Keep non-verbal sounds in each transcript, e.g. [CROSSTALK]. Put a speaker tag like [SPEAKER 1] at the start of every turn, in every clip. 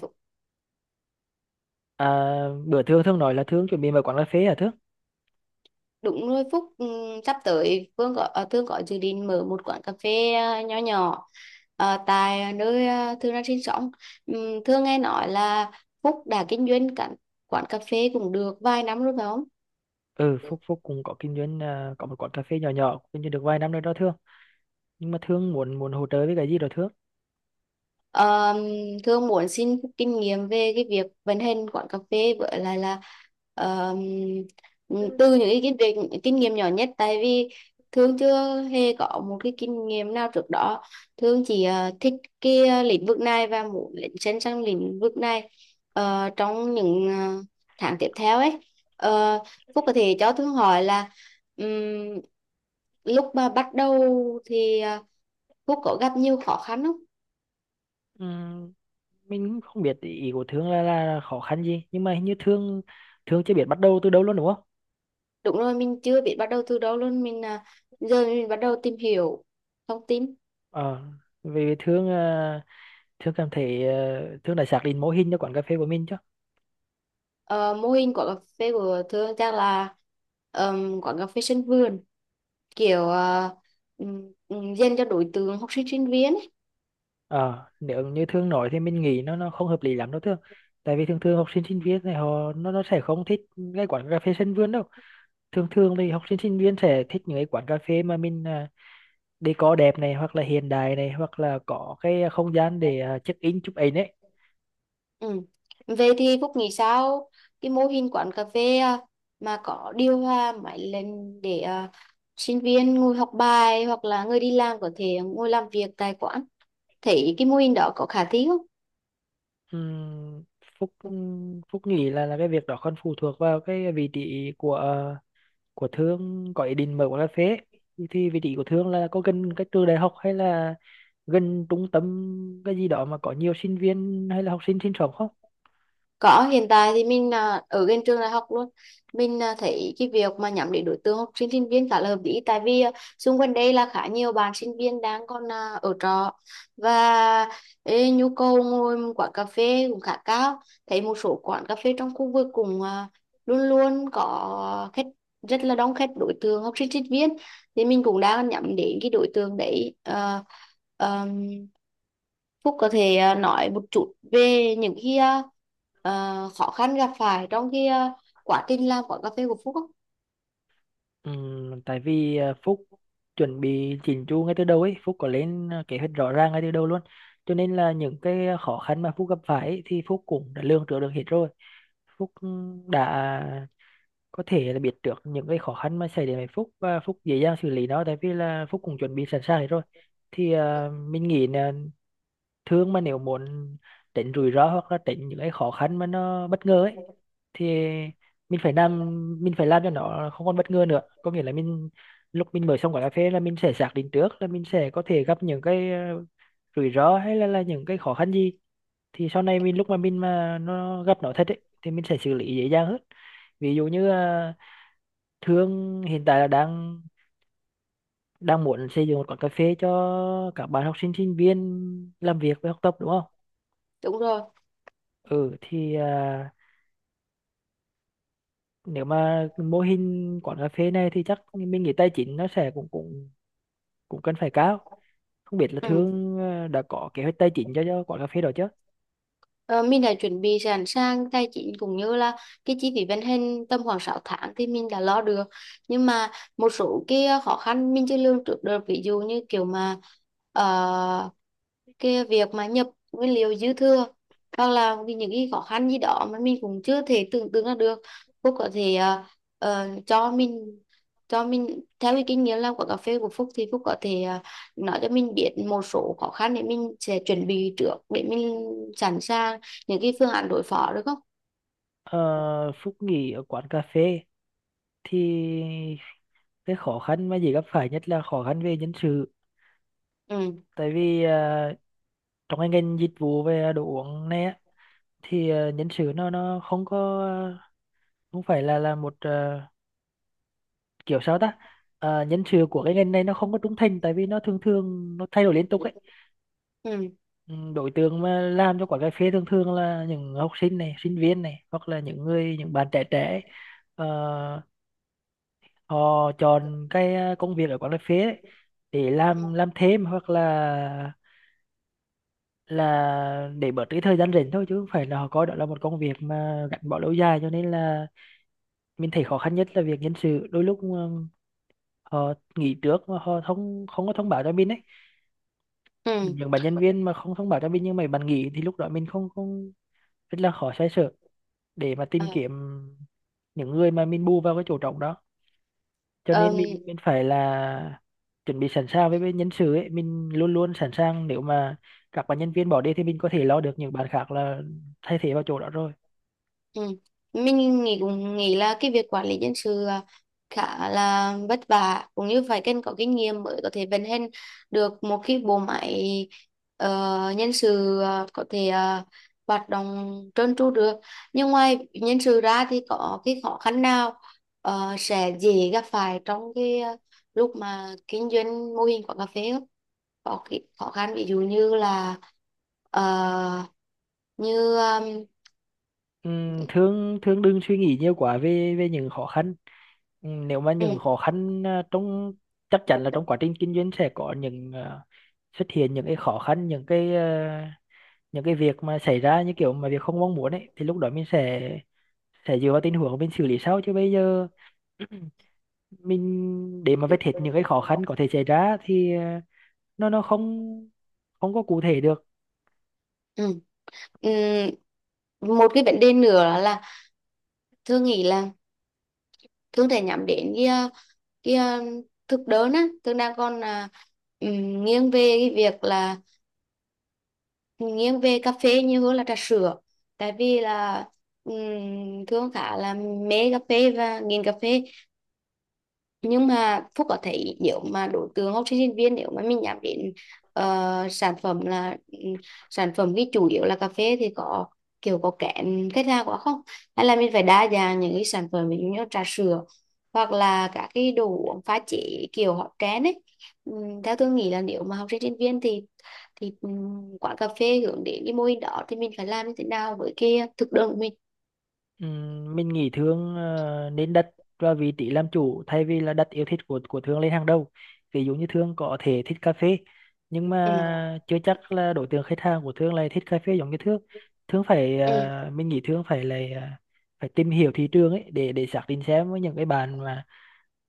[SPEAKER 1] Phúc-
[SPEAKER 2] À, bữa Thương Thương nói là Thương chuẩn bị mở quán cà phê hả Thương?
[SPEAKER 1] Đúng rồi, Phúc, sắp tới Thương có dự định mở một quán cà phê nhỏ nhỏ tại nơi Thương đang sinh sống. Thương nghe nói là Phúc đã kinh doanh cả quán cà phê cũng được vài năm rồi phải không?
[SPEAKER 2] Ừ, Phúc Phúc cũng có kinh doanh có một quán cà phê nhỏ nhỏ kinh doanh được vài năm rồi đó Thương. Nhưng mà Thương muốn muốn hỗ trợ với cái gì đó Thương?
[SPEAKER 1] Ờ, Thương muốn xin kinh nghiệm về cái việc vận hành quán cà phê với lại là ờ, từ những cái kinh nghiệm nhỏ nhất, tại vì Thương chưa hề có một cái kinh nghiệm nào trước đó. Thương chỉ thích cái lĩnh vực này và muốn lấn sân sang lĩnh vực này trong những tháng tiếp theo ấy. Ờ, Phúc có thể cho Thương hỏi là ừm, lúc mà bắt đầu thì Phúc có gặp nhiều khó khăn không?
[SPEAKER 2] Ừm, mình cũng không biết ý của Thương là khó khăn gì, nhưng mà hình như Thương Thương chưa biết bắt đầu từ đâu luôn đúng không?
[SPEAKER 1] Đúng rồi, mình chưa biết bắt đầu từ đâu luôn. Mình giờ mình bắt đầu tìm hiểu thông tin.
[SPEAKER 2] Ờ, vì Thương cảm thấy Thương đã xác định mô hình cho quán cà phê của mình chứ.
[SPEAKER 1] Ờ, Mô hình của cà phê của Thương chắc là quán cà phê sân vườn, kiểu dành cho đối tượng học sinh sinh viên ấy.
[SPEAKER 2] Ờ, nếu như Thương nói thì mình nghĩ nó không hợp lý lắm đâu Thương. Tại vì thường thường học sinh sinh viên này họ nó sẽ không thích cái quán cà phê sân vườn đâu, thường thường thì học sinh sinh viên sẽ thích những cái quán cà phê mà mình decor đẹp này hoặc là hiện đại này hoặc là có cái không gian để check in chụp ảnh ấy.
[SPEAKER 1] Ừ. Về thì Phúc nghĩ sao cái mô hình quán cà phê mà có điều hòa máy lên để sinh viên ngồi học bài hoặc là người đi làm có thể ngồi làm việc tại quán. Thấy cái mô hình đó có khả thi không?
[SPEAKER 2] Ừm, Phúc Phúc nghĩ là cái việc đó còn phụ thuộc vào cái vị trí của Thương có ý định mở quán cà phê ấy. Thì vị trí của Thương là có gần cái trường đại học hay là gần trung tâm cái gì đó mà có nhiều sinh viên hay là học sinh sinh sống không?
[SPEAKER 1] Có, hiện tại thì mình ở gần trường đại học luôn. Mình thấy cái việc mà nhắm đến đối tượng học sinh sinh viên khá là hợp lý, tại vì xung quanh đây là khá nhiều bạn sinh viên đang còn ở trọ, và nhu cầu ngồi một quán cà phê cũng khá cao. Thấy một số quán cà phê trong khu vực cũng luôn luôn có khách, rất là đông khách đối tượng học sinh sinh viên, thì mình cũng đang nhắm đến cái đối tượng đấy. Ờ, ờm, Phúc có thể nói một chút về những cái khó khăn gặp phải trong cái quá trình làm quán cà phê của Phúc không?
[SPEAKER 2] Tại vì Phúc chuẩn bị chỉnh chu ngay từ đầu ấy, Phúc có lên kế hoạch rõ ràng ngay từ đầu luôn. Cho nên là những cái khó khăn mà Phúc gặp phải ấy, thì Phúc cũng đã lường trước được hết rồi. Phúc đã có thể là biết được những cái khó khăn mà xảy đến với Phúc và Phúc dễ dàng xử lý nó tại vì là Phúc cũng chuẩn bị sẵn sàng hết rồi. Thì mình nghĩ là thường mà nếu muốn tránh rủi ro hoặc là tránh những cái khó khăn mà nó bất ngờ ấy thì mình phải làm mình phải làm cho nó không còn bất ngờ nữa, có nghĩa là mình lúc mình mở xong quán cà phê là mình sẽ xác định trước là mình sẽ có thể gặp những cái rủi ro là những cái khó khăn gì, thì sau này mình lúc mà mình mà nó gặp nó thật ấy thì mình sẽ xử lý dễ dàng hơn. Ví dụ như Thương hiện tại là đang đang muốn xây dựng một quán cà phê cho các bạn học sinh sinh viên làm việc và học tập đúng không?
[SPEAKER 1] Đúng rồi.
[SPEAKER 2] Ừ thì nếu mà mô hình quán cà phê này thì chắc mình nghĩ tài chính nó sẽ cũng cũng cũng cần phải cao, không biết là
[SPEAKER 1] Ừ.
[SPEAKER 2] Thương đã có kế hoạch tài chính cho quán cà phê đó chứ?
[SPEAKER 1] Ờ, mình đã chuẩn bị sẵn sàng tài chính cũng như là cái chi phí vận hành tầm khoảng 6 tháng thì mình đã lo được. Nhưng mà một số cái khó khăn mình chưa lường trước được, ví dụ như kiểu mà ờ, cái việc mà nhập nguyên liệu dư thừa hoặc là vì những cái khó khăn gì đó mà mình cũng chưa thể tưởng tượng ra được. Phúc có thể ờ, cho mình cho mình theo cái kinh nghiệm làm của cà phê của Phúc thì Phúc có thể nói cho mình biết một số khó khăn để mình sẽ chuẩn bị trước, để mình sẵn sàng những cái phương án đối phó được không?
[SPEAKER 2] Ờ, Phúc nghĩ ở quán cà phê thì cái khó khăn mà dễ gặp phải nhất là khó khăn về nhân sự,
[SPEAKER 1] Ừ.
[SPEAKER 2] tại vì trong cái ngành dịch vụ về đồ uống này á, thì nhân sự nó không có, không phải là một kiểu sao ta. Ờ, nhân sự của cái ngành này nó không có trung thành tại vì nó thường thường nó thay đổi liên tục ấy.
[SPEAKER 1] Ừ.
[SPEAKER 2] Ừ, đối tượng mà làm cho quán cà phê thường thường là những học sinh này sinh viên này hoặc là những người những bạn trẻ trẻ ấy. Ờ, họ chọn cái công việc ở quán cà phê ấy để
[SPEAKER 1] Ừ.
[SPEAKER 2] làm thêm hoặc là để bớt cái thời gian rảnh thôi chứ không phải là họ coi đó là một công việc mà gắn bó lâu dài, cho nên là mình thấy khó khăn nhất là việc nhân sự, đôi lúc họ nghỉ trước mà họ không không có thông báo cho mình ấy,
[SPEAKER 1] Ừ.
[SPEAKER 2] những bạn nhân viên mà không thông báo cho mình nhưng mà bạn nghỉ thì lúc đó mình không không rất là khó xoay sở để mà
[SPEAKER 1] Ờ,
[SPEAKER 2] tìm kiếm những người mà mình bù vào cái chỗ trống đó, cho
[SPEAKER 1] ờm,
[SPEAKER 2] nên mình phải là chuẩn bị sẵn sàng với nhân sự ấy, mình luôn luôn sẵn sàng nếu mà các bạn nhân viên bỏ đi thì mình có thể lo được những bạn khác là thay thế vào chỗ đó rồi.
[SPEAKER 1] Ừ. Mình cũng nghĩ là cái việc quản lý nhân sự khá là vất vả, cũng như phải cần có kinh nghiệm mới có thể vận hành được một cái bộ máy nhân sự có thể hoạt động trơn tru được. Nhưng ngoài nhân sự ra thì có cái khó khăn nào sẽ dễ gặp phải trong cái lúc mà kinh doanh mô hình quán cà phê không? Có cái khó khăn ví dụ như là ờ, như
[SPEAKER 2] Thương thương đừng suy nghĩ nhiều quá về về những khó khăn. Nếu mà những
[SPEAKER 1] um,
[SPEAKER 2] khó khăn à, trong chắc chắn là trong quá trình kinh doanh sẽ có xuất hiện những cái khó khăn, những những cái việc mà xảy ra như kiểu mà việc không mong muốn ấy thì lúc đó mình sẽ dựa vào tình huống mình xử lý sau, chứ bây giờ [CLEARS THROAT] mình để mà vết hết những cái khó khăn có thể xảy ra thì nó không, không có cụ thể được.
[SPEAKER 1] Ừ. Ừ. Một cái vấn đề nữa là Thương nghĩ là Thương thể nhắm đến cái cái ờ, thực đơn á. Thương đang còn ừm, nghiêng về cái việc là nghiêng về cà phê nhiều hơn là trà sữa, tại vì là Thương khá là mê cà phê và nghiền cà phê. Nhưng mà Phúc có thấy nếu mà đối tượng học sinh sinh viên, nếu mà mình nhắm đến sản phẩm là sản phẩm cái chủ yếu là cà phê thì có kiểu có kén khách hàng quá không, hay là mình phải đa dạng những cái sản phẩm, ví dụ như trà sữa hoặc là các cái đồ uống pha chế kiểu hot trend ấy. Theo tôi nghĩ là nếu mà học sinh sinh viên thì quán cà phê hướng đến cái mô hình đó thì mình phải làm như thế nào với cái thực đơn của mình.
[SPEAKER 2] Mình nghĩ thương nên đặt vào vị trí làm chủ thay vì là đặt yêu thích của thương lên hàng đầu. Ví dụ như thương có thể thích cà phê nhưng
[SPEAKER 1] Ừ.
[SPEAKER 2] mà chưa chắc là đối tượng khách hàng của thương lại thích cà phê giống như thương. Mình nghĩ thương phải tìm hiểu thị trường ấy để xác định xem với những cái bạn mà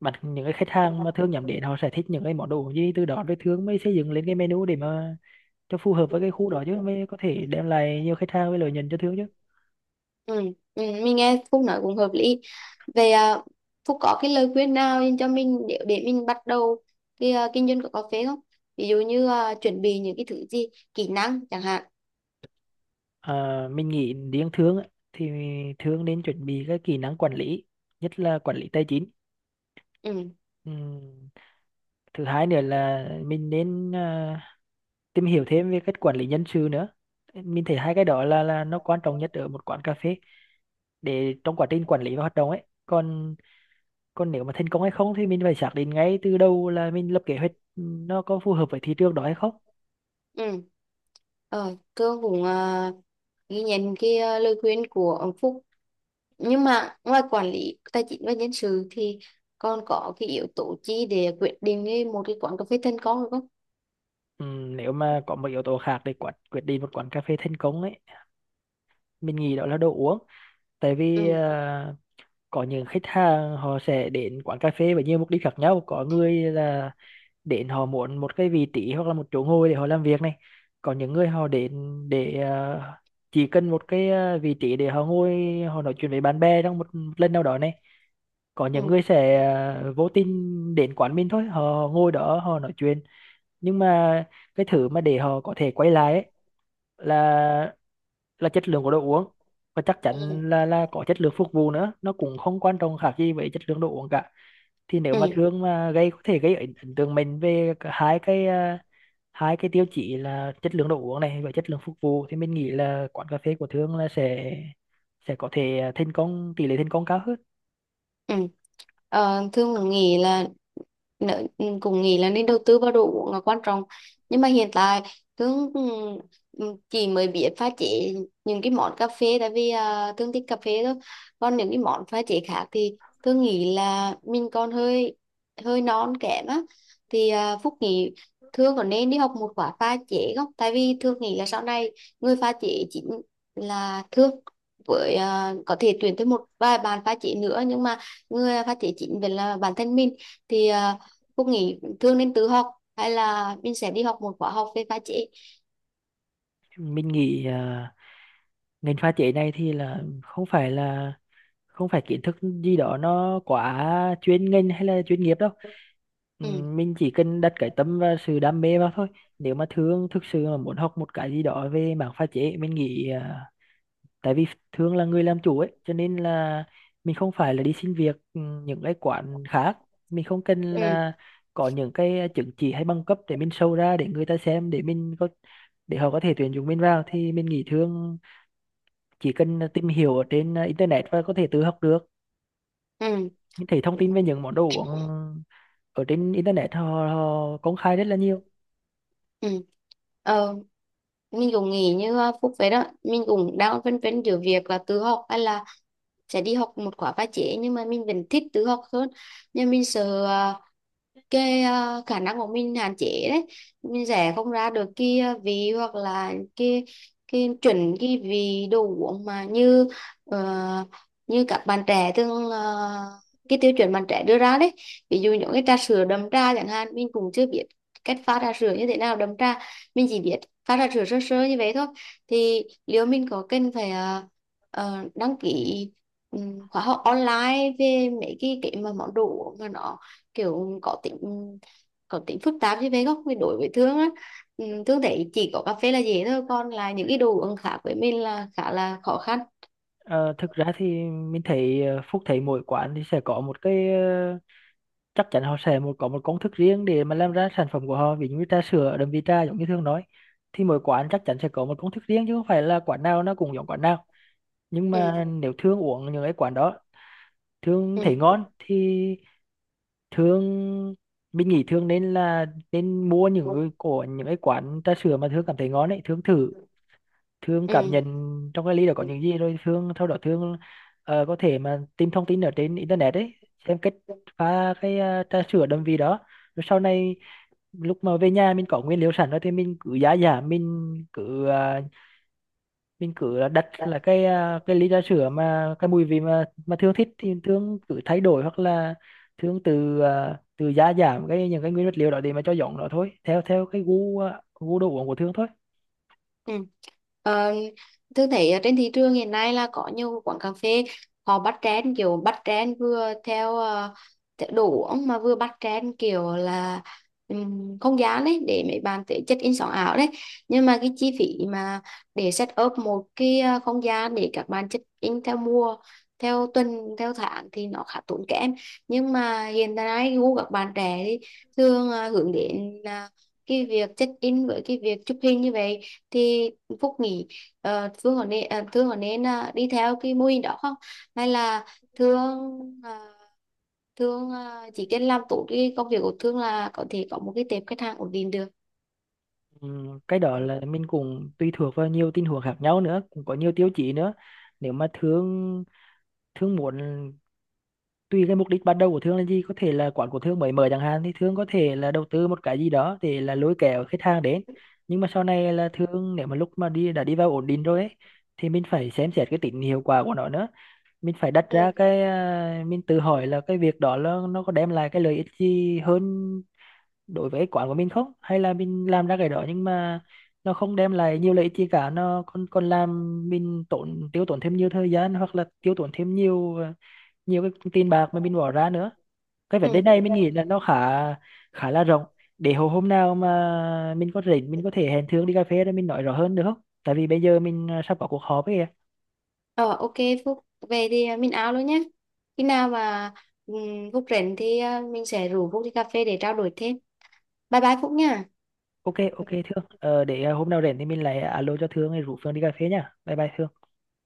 [SPEAKER 2] Những cái khách hàng mà thương nhắm đến họ sẽ thích những cái món đồ gì, từ đó rồi thương mới xây dựng lên cái menu để
[SPEAKER 1] Ừ.
[SPEAKER 2] mà cho phù hợp với cái khu đó chứ mới có thể đem lại nhiều khách hàng với lợi nhuận cho thương chứ.
[SPEAKER 1] Ừ, ừ, mình nghe Phúc nói cũng hợp lý. Về Phúc có cái lời khuyên nào dành cho mình để mình bắt đầu cái kinh doanh của cà phê không? Ví dụ như chuẩn bị những cái thứ gì, kỹ năng chẳng hạn.
[SPEAKER 2] À, mình nghĩ riêng thương ấy, thì thương nên chuẩn bị các kỹ năng quản lý, nhất là quản lý tài chính.
[SPEAKER 1] Ừ,
[SPEAKER 2] Ừm, thứ hai nữa là mình nên tìm hiểu thêm về cách quản lý nhân sự nữa. Mình thấy hai cái đó là nó quan trọng nhất ở một quán cà phê để trong quá trình quản lý và hoạt động ấy, còn còn nếu mà thành công hay không thì mình phải xác định ngay từ đầu là mình lập kế hoạch nó có phù hợp với thị trường đó hay không.
[SPEAKER 1] ừ. Ờ, cơ cũng ghi nhận cái lời khuyên của ông Phúc. Nhưng mà ngoài quản lý tài chính và nhân sự thì còn có cái yếu tố chi để quyết định một cái quán cà phê thành công được không?
[SPEAKER 2] Nếu mà có một yếu tố khác để quyết quyết định một quán cà phê thành công ấy, mình nghĩ đó là đồ uống. tại vì
[SPEAKER 1] Ừ.
[SPEAKER 2] à, có những khách hàng họ sẽ đến quán cà phê với nhiều mục đích khác nhau, có người là đến họ muốn một cái vị trí hoặc là một chỗ ngồi để họ làm việc này, còn những người họ đến để chỉ cần một cái vị trí để họ ngồi, họ nói chuyện với bạn bè trong một lần nào đó này, có
[SPEAKER 1] Ừ,
[SPEAKER 2] những người sẽ vô tình đến quán mình thôi, họ ngồi đó họ nói chuyện. Nhưng mà cái thứ mà để họ có thể quay lại ấy, là chất lượng của đồ uống, và chắc
[SPEAKER 1] ừ, ừ,
[SPEAKER 2] chắn là có chất lượng phục vụ nữa, nó cũng không quan trọng khác gì với chất lượng đồ uống cả. Thì nếu
[SPEAKER 1] ừ.
[SPEAKER 2] mà thương mà có thể gây ấn ấn tượng mình về cả hai hai cái tiêu chí là chất lượng đồ uống này và chất lượng phục vụ, thì mình nghĩ là quán cà phê của thương là sẽ có thể thành công, tỷ lệ thành công cao hơn.
[SPEAKER 1] Ừ. Ờ, Thương cũng nghĩ là ừ, cũng nghĩ là nên đầu tư vào đồ uống là quan trọng. Nhưng mà hiện tại Thương chỉ mới biết pha chế những cái món cà phê, tại vì Thương thích cà phê thôi. Còn những cái món pha chế khác thì Thương nghĩ là mình còn hơi hơi non kém á. Thì Phúc nghĩ Thương có nên đi học một khóa pha chế không, tại vì Thương nghĩ là sau này người pha chế chính là Thương, với có thể tuyển thêm một vài bạn pha chế nữa, nhưng mà người phát triển chính về là bản thân mình, thì Phúc nghĩ thường nên tự học hay là mình sẽ đi học một khóa học về pha chế.
[SPEAKER 2] Mình nghĩ ngành pha chế này thì là không phải kiến thức gì đó nó quá chuyên ngành hay là chuyên nghiệp đâu. Ừ,
[SPEAKER 1] Ừ,
[SPEAKER 2] mình chỉ cần đặt cái tâm và sự đam mê vào thôi. Nếu mà thương thực sự mà muốn học một cái gì đó về mảng pha chế, mình nghĩ tại vì thường là người làm chủ ấy cho nên là mình không phải là đi xin việc những cái quán khác, mình không cần
[SPEAKER 1] ừ,
[SPEAKER 2] là có những cái chứng chỉ hay bằng cấp để mình show ra để người ta xem để mình có để họ có thể tuyển dụng mình vào, thì mình nghĩ thường chỉ cần tìm hiểu ở trên internet và có thể tự học được.
[SPEAKER 1] ừ,
[SPEAKER 2] Mình thấy thông tin về những món đồ uống ở trên internet họ công khai rất là nhiều.
[SPEAKER 1] ừ. Ờ, mình cũng nghĩ như Phúc vậy đó, mình cũng đang phân vân giữa việc là tự học hay là sẽ đi học một khóa pha chế, nhưng mà mình vẫn thích tự học hơn. Nhưng mình sợ cái khả năng của mình hạn chế đấy, mình rẽ không ra được cái vị hoặc là cái chuẩn, cái vị đồ uống mà như ờ, như các bạn trẻ thường cái tiêu chuẩn bạn trẻ đưa ra đấy. Ví dụ những cái trà sữa đậm trà chẳng hạn, mình cũng chưa biết cách pha trà sữa như thế nào đậm trà. Mình chỉ biết pha trà sữa sơ sơ như vậy thôi. Thì liệu mình có cần phải đăng ký khóa học online về mấy cái mà món đồ uống mà nó kiểu có tính phức tạp chứ về không. Vì đối với Thương á, Thương thấy chỉ có cà phê là dễ thôi, còn là những cái đồ uống khác với mình là khá là khó khăn.
[SPEAKER 2] Ờ, thực ra thì Phúc thấy mỗi quán thì sẽ có một cái chắc chắn họ sẽ có một công thức riêng để mà làm ra sản phẩm của họ, ví dụ như trà sữa đậm vị trà giống như thương nói, thì mỗi quán chắc chắn sẽ có một công thức riêng chứ không phải là quán nào nó cũng giống quán nào. Nhưng mà
[SPEAKER 1] Ừ.
[SPEAKER 2] nếu thương uống những cái quán đó thương thấy ngon thì thương mình nghĩ thương nên mua những cái của những cái quán trà sữa mà thương cảm thấy ngon ấy, thương thử. Thương cảm
[SPEAKER 1] Ừ.
[SPEAKER 2] nhận trong cái ly đó có những gì rồi sau đó Thương có thể mà tìm thông tin ở trên internet ấy, xem cách pha cái trà sữa đậm vị đó, rồi sau này lúc mà về nhà mình có nguyên liệu sẵn rồi thì mình cứ đặt là cái ly trà sữa
[SPEAKER 1] Ừ.
[SPEAKER 2] mà cái mùi vị mà Thương thích thì Thương cứ thay đổi, hoặc là Thương từ giá giảm cái những cái nguyên vật liệu đó để mà cho giọng nó thôi theo theo cái gu đồ uống của Thương thôi.
[SPEAKER 1] Ừ. Ờ, thường thấy ở trên thị trường hiện nay là có nhiều quán cà phê họ bắt trend, kiểu bắt trend vừa theo theo đồ uống mà vừa bắt trend kiểu là không gian đấy để mấy bạn tới check in sống ảo đấy. Nhưng mà cái chi phí mà để set up một cái không gian để các bạn check in theo mùa, theo tuần, theo tháng thì nó khá tốn kém. Nhưng mà hiện nay gu các bạn trẻ thì thường hướng đến là cái việc check in với cái việc chụp hình như vậy. Thì Phúc nghĩ Thương có nên đi theo cái mô hình đó không, hay là Thương à, chỉ cần làm tốt cái công việc của Thương là có thể có một cái tệp khách hàng ổn định được.
[SPEAKER 2] Ừ, cái đó là mình cũng tùy thuộc vào nhiều tình huống khác nhau nữa, cũng có nhiều tiêu chí nữa. Nếu mà thương thương muốn, tùy cái mục đích ban đầu của thương là gì, có thể là quán của thương mới mở chẳng hạn, thì thương có thể là đầu tư một cái gì đó để là lôi kéo khách hàng đến, nhưng mà sau này là thương nếu mà lúc mà đi vào ổn định rồi ấy, thì mình phải xem xét cái tính hiệu quả của nó nữa. Mình phải đặt ra mình tự hỏi là cái việc đó là nó có đem lại cái lợi ích gì hơn đối với cái quán của mình không, hay là mình làm ra cái đó nhưng mà nó không đem lại nhiều lợi ích gì cả, nó còn còn làm mình tiêu tốn thêm nhiều thời gian hoặc là tiêu tốn thêm nhiều nhiều cái tiền bạc mà mình bỏ ra nữa. Cái
[SPEAKER 1] Ừ.
[SPEAKER 2] vấn đề này mình nghĩ là nó khá khá là rộng, để hồi hôm nào mà mình có rảnh mình có thể hẹn Thương đi cà phê để mình nói rõ hơn được không, tại vì bây giờ mình sắp có cuộc họp ấy kìa.
[SPEAKER 1] Ờ, ok Phúc. Về thì mình áo luôn nhé. Khi nào mà Phúc rảnh thì mình sẽ rủ Phúc đi cà phê để trao đổi thêm. Bye bye Phúc nha.
[SPEAKER 2] Ok, ok Thương, để hôm nào rảnh thì mình lại alo cho Thương rồi rủ phương đi cà phê nha, bye bye Thương.